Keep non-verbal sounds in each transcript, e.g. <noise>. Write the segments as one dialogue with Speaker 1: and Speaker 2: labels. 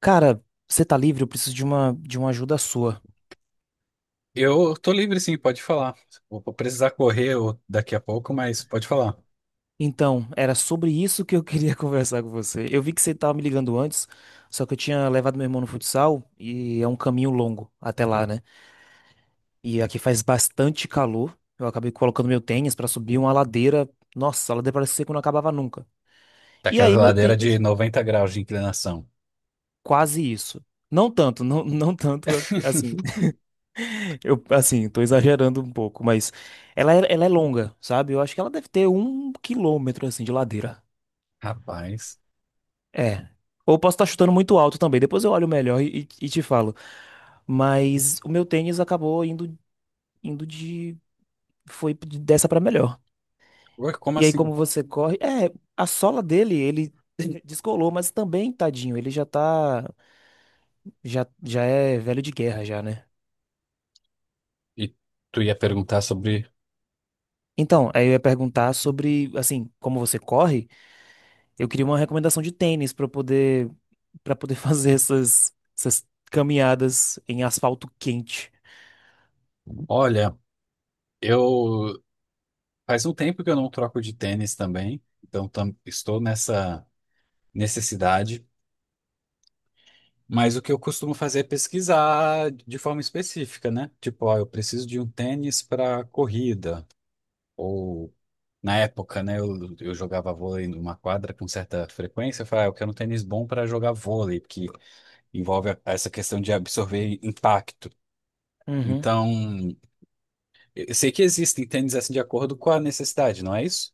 Speaker 1: Cara, você tá livre? Eu preciso de uma ajuda sua.
Speaker 2: Eu tô livre, sim, pode falar. Vou precisar correr daqui a pouco, mas pode falar.
Speaker 1: Então, era sobre isso que eu queria <laughs> conversar com você. Eu vi que você tava me ligando antes, só que eu tinha levado meu irmão no futsal e é um caminho longo até lá, né? E aqui faz bastante calor. Eu acabei colocando meu tênis pra subir uma ladeira. Nossa, a ladeira parece ser que não acabava nunca.
Speaker 2: Tá
Speaker 1: E
Speaker 2: aquela
Speaker 1: aí meu
Speaker 2: ladeira de
Speaker 1: tênis,
Speaker 2: 90 graus de inclinação.
Speaker 1: quase isso. Não tanto, não, <laughs> não tanto assim.
Speaker 2: <laughs>
Speaker 1: <laughs> Eu assim, tô exagerando um pouco, mas ela é longa, sabe? Eu acho que ela deve ter um quilômetro assim de ladeira.
Speaker 2: Rapaz.
Speaker 1: É. Ou posso estar chutando muito alto também. Depois eu olho melhor e te falo. Mas o meu tênis acabou indo, indo de. Foi de- dessa pra melhor.
Speaker 2: Ué, como
Speaker 1: E aí,
Speaker 2: assim?
Speaker 1: como você corre. É, a sola dele, ele <laughs> descolou, mas também, tadinho, ele já tá. Já é velho de guerra, já, né?
Speaker 2: E tu ia perguntar sobre.
Speaker 1: Então, aí eu ia perguntar sobre, assim, como você corre, eu queria uma recomendação de tênis pra eu poder, para poder <laughs> fazer essas, essas caminhadas em asfalto quente.
Speaker 2: Olha, eu. Faz um tempo que eu não troco de tênis também, então estou nessa necessidade. Mas o que eu costumo fazer é pesquisar de forma específica, né? Tipo, ó, eu preciso de um tênis para corrida. Na época, né, eu jogava vôlei numa quadra com certa frequência. Eu falei, ah, eu quero um tênis bom para jogar vôlei, porque envolve essa questão de absorver impacto.
Speaker 1: Uhum.
Speaker 2: Então, eu sei que existem tênis assim de acordo com a necessidade, não é isso?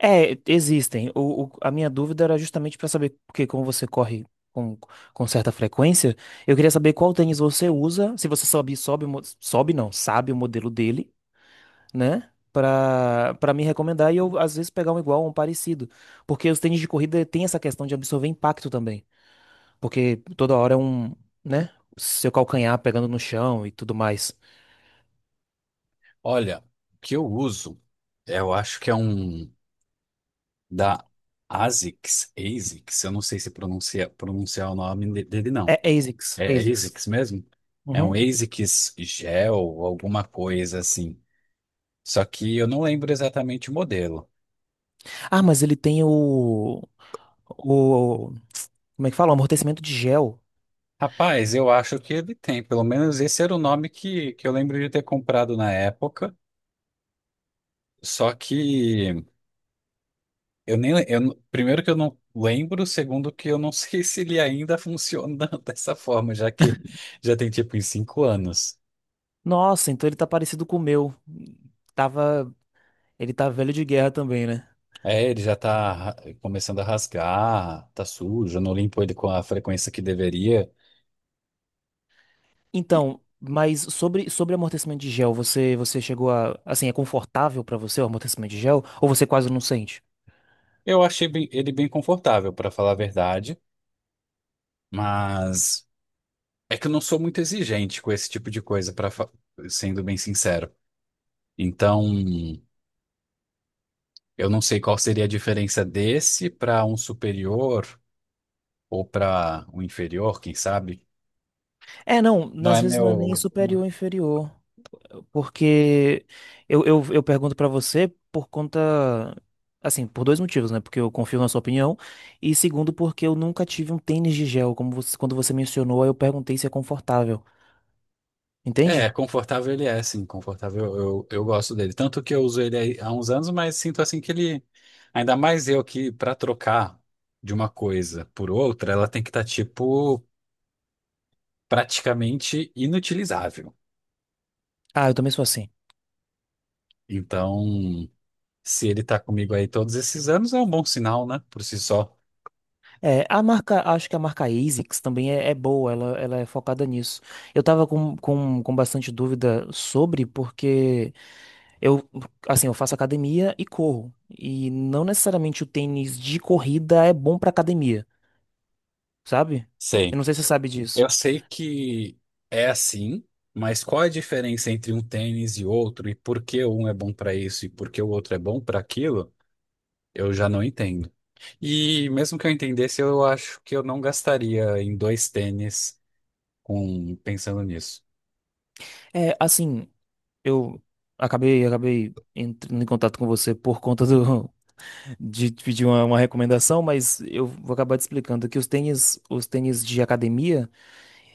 Speaker 1: É, existem. O- a minha dúvida era justamente para saber, porque como você corre com, com certa frequência, eu queria saber qual tênis você usa, se você sobe, sobe, o mo- sobe não, sabe o modelo dele, né? Para me recomendar e eu às vezes pegar um igual ou um parecido. Porque os tênis de corrida tem essa questão de absorver impacto também, porque toda hora é um, né, seu calcanhar pegando no chão e tudo mais.
Speaker 2: Olha, o que eu uso, eu acho que é um da ASICS, eu não sei se pronuncia, pronunciar o nome dele, não.
Speaker 1: É ASICS,
Speaker 2: É, é
Speaker 1: ASICS.
Speaker 2: ASICS mesmo? É um
Speaker 1: Uhum.
Speaker 2: ASICS Gel, alguma coisa assim. Só que eu não lembro exatamente o modelo.
Speaker 1: Ah, mas ele tem o. O, como é que fala? O amortecimento de gel.
Speaker 2: Rapaz, eu acho que ele tem, pelo menos esse era o nome que eu lembro de ter comprado na época. Só que eu nem le- eu, não- primeiro que eu não lembro, segundo que eu não <laughs> sei se ele ainda funciona <laughs> dessa forma, já que já tem tipo em 5 anos.
Speaker 1: Nossa, então ele tá parecido com o meu. Tava, ele tá velho de guerra também, né?
Speaker 2: É, ele já tá começando a rasgar, tá sujo, eu não limpo ele com a frequência que deveria. E
Speaker 1: Então, mas sobre amortecimento de gel, você chegou a, assim, é confortável pra você o amortecimento de gel? Ou você quase não sente?
Speaker 2: eu achei ele bem confortável, para falar a verdade, mas é que eu não sou muito exigente com esse tipo de coisa, para sendo bem sincero. Então, eu não sei qual seria a diferença desse para um superior ou para um inferior, quem sabe.
Speaker 1: É, não,
Speaker 2: Não
Speaker 1: às
Speaker 2: é
Speaker 1: vezes não é
Speaker 2: meu.
Speaker 1: nem superior ou inferior. Porque eu pergunto pra você por conta. Assim, por dois motivos, né? Porque eu confio na sua opinião. E segundo, porque eu nunca tive um tênis de gel. Como você, quando você mencionou, aí eu perguntei se é confortável.
Speaker 2: É,
Speaker 1: Entende?
Speaker 2: confortável ele é, sim, confortável. Eu gosto dele. Tanto que eu uso ele aí há uns anos, mas sinto assim que ele. Ainda mais eu que, para trocar de uma coisa por outra, ela tem que estar, tipo, praticamente inutilizável.
Speaker 1: Ah, eu também sou assim.
Speaker 2: Então. Se ele tá comigo aí todos esses anos, é um bom sinal, né? Por si só.
Speaker 1: É, a marca, acho que a marca ASICS também é boa, ela é focada nisso. Eu tava com bastante dúvida sobre, porque eu, assim, eu faço academia e corro. E não necessariamente o tênis de corrida é bom pra academia. Sabe? Eu
Speaker 2: Sei.
Speaker 1: não sei se você sabe disso.
Speaker 2: Eu sei que é assim, mas qual é a diferença entre um tênis e outro e por que um é bom para isso e por que o outro é bom para aquilo? Eu já não entendo. E mesmo que eu entendesse, eu acho que eu não gastaria em dois tênis com pensando nisso.
Speaker 1: É, assim, eu acabei entrando em contato com você por conta do, <laughs> de te pedir uma recomendação, mas eu vou acabar te explicando que os tênis de academia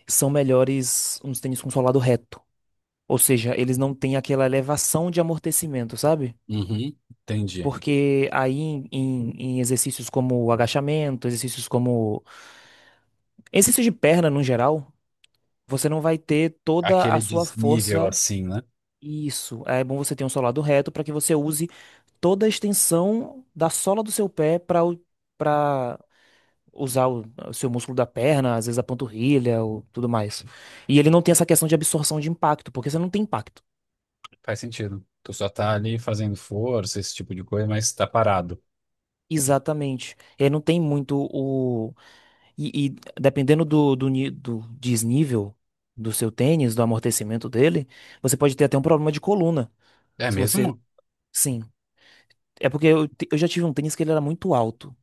Speaker 1: são melhores uns tênis com solado reto. Ou seja, eles não têm aquela elevação de amortecimento, sabe?
Speaker 2: Uhum, entendi.
Speaker 1: Porque aí em exercícios como agachamento, exercícios como exercício de perna no geral, você não vai ter toda a
Speaker 2: Aquele
Speaker 1: sua
Speaker 2: desnível
Speaker 1: força.
Speaker 2: assim, né?
Speaker 1: Isso. É bom você ter um solado reto para que você use toda a extensão da sola do seu pé para usar o seu músculo da perna, às vezes a panturrilha ou tudo mais. E ele não tem essa questão de absorção de impacto, porque você não tem impacto.
Speaker 2: Faz sentido. Tu só tá ali fazendo força, esse tipo de coisa, mas tá parado.
Speaker 1: Exatamente. Ele não tem muito o. E dependendo do desnível do seu tênis, do amortecimento dele, você pode ter até um problema de coluna.
Speaker 2: É
Speaker 1: Se você.
Speaker 2: mesmo?
Speaker 1: Sim. É porque eu já tive um tênis que ele era muito alto.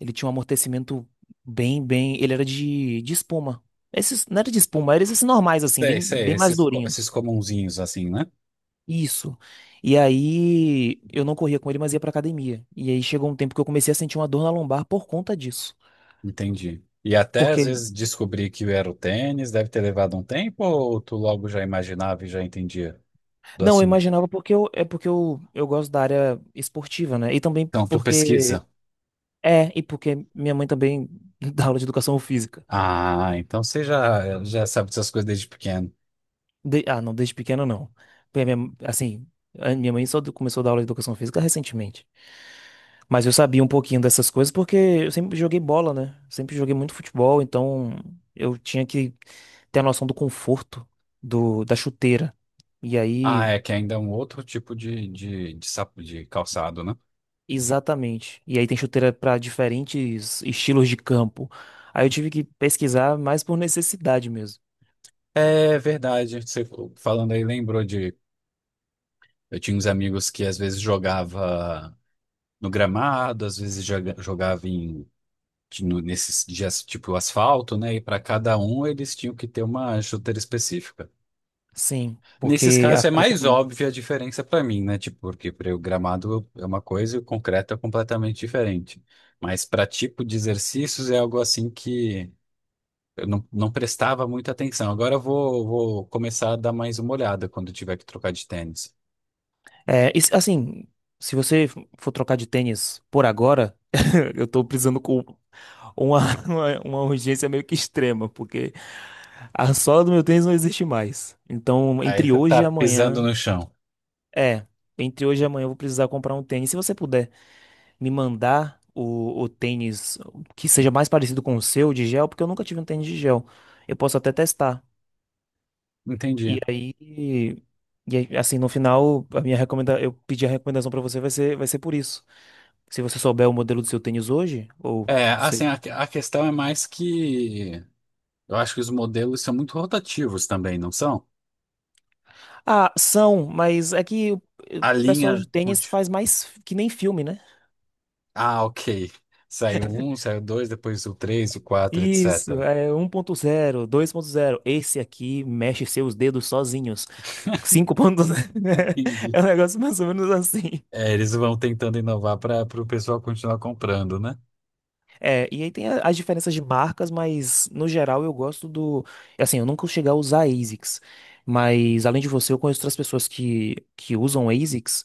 Speaker 1: Ele tinha um amortecimento bem, bem. Ele era de espuma. Esses, não era de espuma, eram esses normais, assim,
Speaker 2: Sei,
Speaker 1: bem,
Speaker 2: sei,
Speaker 1: bem mais
Speaker 2: esses, esses
Speaker 1: durinhos.
Speaker 2: comunzinhos assim, né?
Speaker 1: Isso. E aí eu não corria com ele, mas ia pra academia. E aí chegou um tempo que eu comecei a sentir uma dor na lombar por conta disso.
Speaker 2: Entendi. E até às
Speaker 1: Porque.
Speaker 2: vezes descobrir que era o tênis, deve ter levado um tempo, ou tu logo já imaginava e já entendia do
Speaker 1: Não, eu
Speaker 2: assunto?
Speaker 1: imaginava porque eu, é porque eu gosto da área esportiva, né? E também
Speaker 2: Então tu
Speaker 1: porque.
Speaker 2: pesquisa.
Speaker 1: É, e porque minha mãe também <laughs> dá aula de educação física.
Speaker 2: Ah, então você já, já sabe dessas coisas desde pequeno.
Speaker 1: De- Ah, não, desde pequeno não. Porque a minha- Assim, a minha mãe só começou a dar aula de educação física recentemente. Mas eu sabia um pouquinho dessas coisas porque eu sempre joguei bola, né? Sempre joguei muito futebol, então eu tinha que ter a noção do conforto do, da chuteira. E
Speaker 2: Ah,
Speaker 1: aí,
Speaker 2: é que ainda é um outro tipo de, sapo, de calçado, né?
Speaker 1: exatamente. E aí tem chuteira para diferentes estilos de campo. Aí eu tive que pesquisar mais por necessidade mesmo.
Speaker 2: É verdade, você falando aí lembrou de. Eu tinha uns amigos que às vezes jogava no gramado, às vezes jogava em nesses dias tipo asfalto, né? E para cada um eles tinham que ter uma chuteira específica.
Speaker 1: Sim,
Speaker 2: Nesses
Speaker 1: porque
Speaker 2: casos é
Speaker 1: afeta.
Speaker 2: mais óbvia a diferença para mim, né? Tipo, porque para o gramado é uma coisa e o concreto é completamente diferente. Mas para tipo de exercícios é algo assim que eu não, não prestava muita atenção. Agora eu vou começar a dar mais uma olhada quando eu tiver que trocar de tênis.
Speaker 1: É, e se- assim, se você for trocar de tênis por agora, <laughs> eu tô precisando com uma, <laughs> uma urgência meio que extrema, porque a sola do meu tênis não existe mais. Então,
Speaker 2: Aí
Speaker 1: entre
Speaker 2: você
Speaker 1: hoje
Speaker 2: tá
Speaker 1: e
Speaker 2: pisando
Speaker 1: amanhã,
Speaker 2: no chão.
Speaker 1: é, entre hoje e amanhã eu vou precisar comprar um tênis. Se você puder me mandar o tênis que seja mais parecido com o seu de gel, porque eu nunca tive um tênis de gel. Eu posso até testar.
Speaker 2: Entendi.
Speaker 1: E aí, e aí, assim, no final, a minha recomenda, eu pedir a recomendação pra você vai ser por isso. Se você souber o modelo do seu tênis hoje, ou
Speaker 2: É, assim,
Speaker 1: sei.
Speaker 2: a questão é mais que eu acho que os modelos são muito rotativos também, não são?
Speaker 1: Ah, são, mas é que o
Speaker 2: A
Speaker 1: pessoal de
Speaker 2: linha.
Speaker 1: tênis
Speaker 2: Conti-
Speaker 1: faz mais f- que nem filme, né?
Speaker 2: Ah, ok. Saiu um, saiu dois, depois o três, o quatro,
Speaker 1: Isso,
Speaker 2: etc.
Speaker 1: é um ponto zero dois ponto zero. Esse aqui mexe seus dedos sozinhos. 5.0. <laughs>
Speaker 2: Entendi.
Speaker 1: É um negócio mais ou menos assim.
Speaker 2: É, eles vão tentando inovar para o pessoal continuar comprando, né?
Speaker 1: É, e aí tem a- as diferenças de marcas, mas no geral eu gosto do. Assim, eu nunca cheguei a usar ASICS, mas além de você, eu conheço outras pessoas que usam ASICS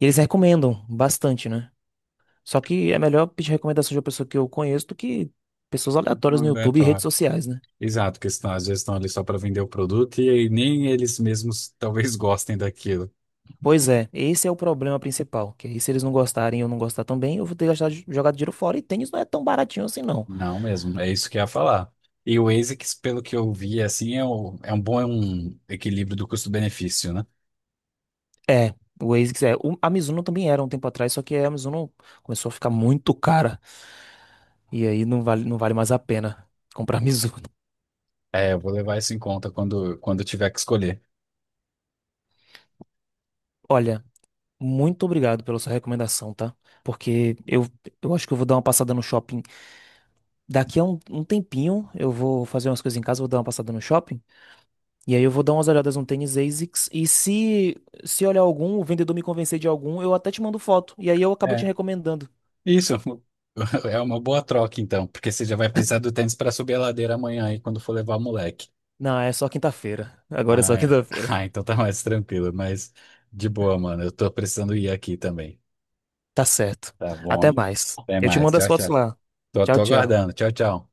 Speaker 1: e eles recomendam bastante, né? Só que é melhor pedir recomendação de uma pessoa que eu conheço do que pessoas
Speaker 2: De
Speaker 1: aleatórias
Speaker 2: um
Speaker 1: no YouTube e redes
Speaker 2: aleatório.
Speaker 1: sociais, né?
Speaker 2: Exato, porque senão, às vezes estão ali só para vender o produto e aí nem eles mesmos talvez <laughs> gostem daquilo.
Speaker 1: Pois é, esse é o problema principal. Que aí, se eles não gostarem e eu não gostar também, eu vou ter gastado, jogado dinheiro fora. E tênis não é tão baratinho assim, não.
Speaker 2: Não mesmo, é isso que eu ia falar. E o ASICS, pelo que eu vi, assim, é, é um bom é um equilíbrio do custo-benefício, né?
Speaker 1: É, o ASICS é. O- a Mizuno também era um tempo atrás, só que a Mizuno começou a ficar muito cara. E aí não vale mais a pena comprar a Mizuno. <laughs>
Speaker 2: É, eu vou levar isso em conta quando, quando eu tiver que escolher.
Speaker 1: Olha, muito obrigado pela sua recomendação, tá? Porque eu acho que eu vou dar uma passada no shopping. Daqui a um tempinho eu vou fazer umas coisas em casa, vou dar uma passada no shopping. E aí eu vou dar umas olhadas no tênis ASICS. E se olhar algum, o vendedor me convencer de algum, eu até te mando foto. E aí eu acabo te
Speaker 2: É,
Speaker 1: recomendando.
Speaker 2: isso. <laughs> É uma boa troca, então, porque você já vai precisar do tênis para subir a ladeira amanhã aí quando for levar o moleque.
Speaker 1: Não, é só quinta-feira. <laughs> Agora é
Speaker 2: Ah,
Speaker 1: só
Speaker 2: é. <laughs>
Speaker 1: quinta-feira.
Speaker 2: Ah, então tá mais tranquilo, mas de boa, mano. Eu tô precisando ir aqui também.
Speaker 1: Tá certo.
Speaker 2: Tá bom,
Speaker 1: Até
Speaker 2: hein?
Speaker 1: mais.
Speaker 2: Até
Speaker 1: Eu te
Speaker 2: mais.
Speaker 1: mando as
Speaker 2: Tchau,
Speaker 1: fotos
Speaker 2: tchau.
Speaker 1: lá.
Speaker 2: Tô,
Speaker 1: Tchau,
Speaker 2: tô
Speaker 1: tchau.
Speaker 2: aguardando. Tchau, tchau.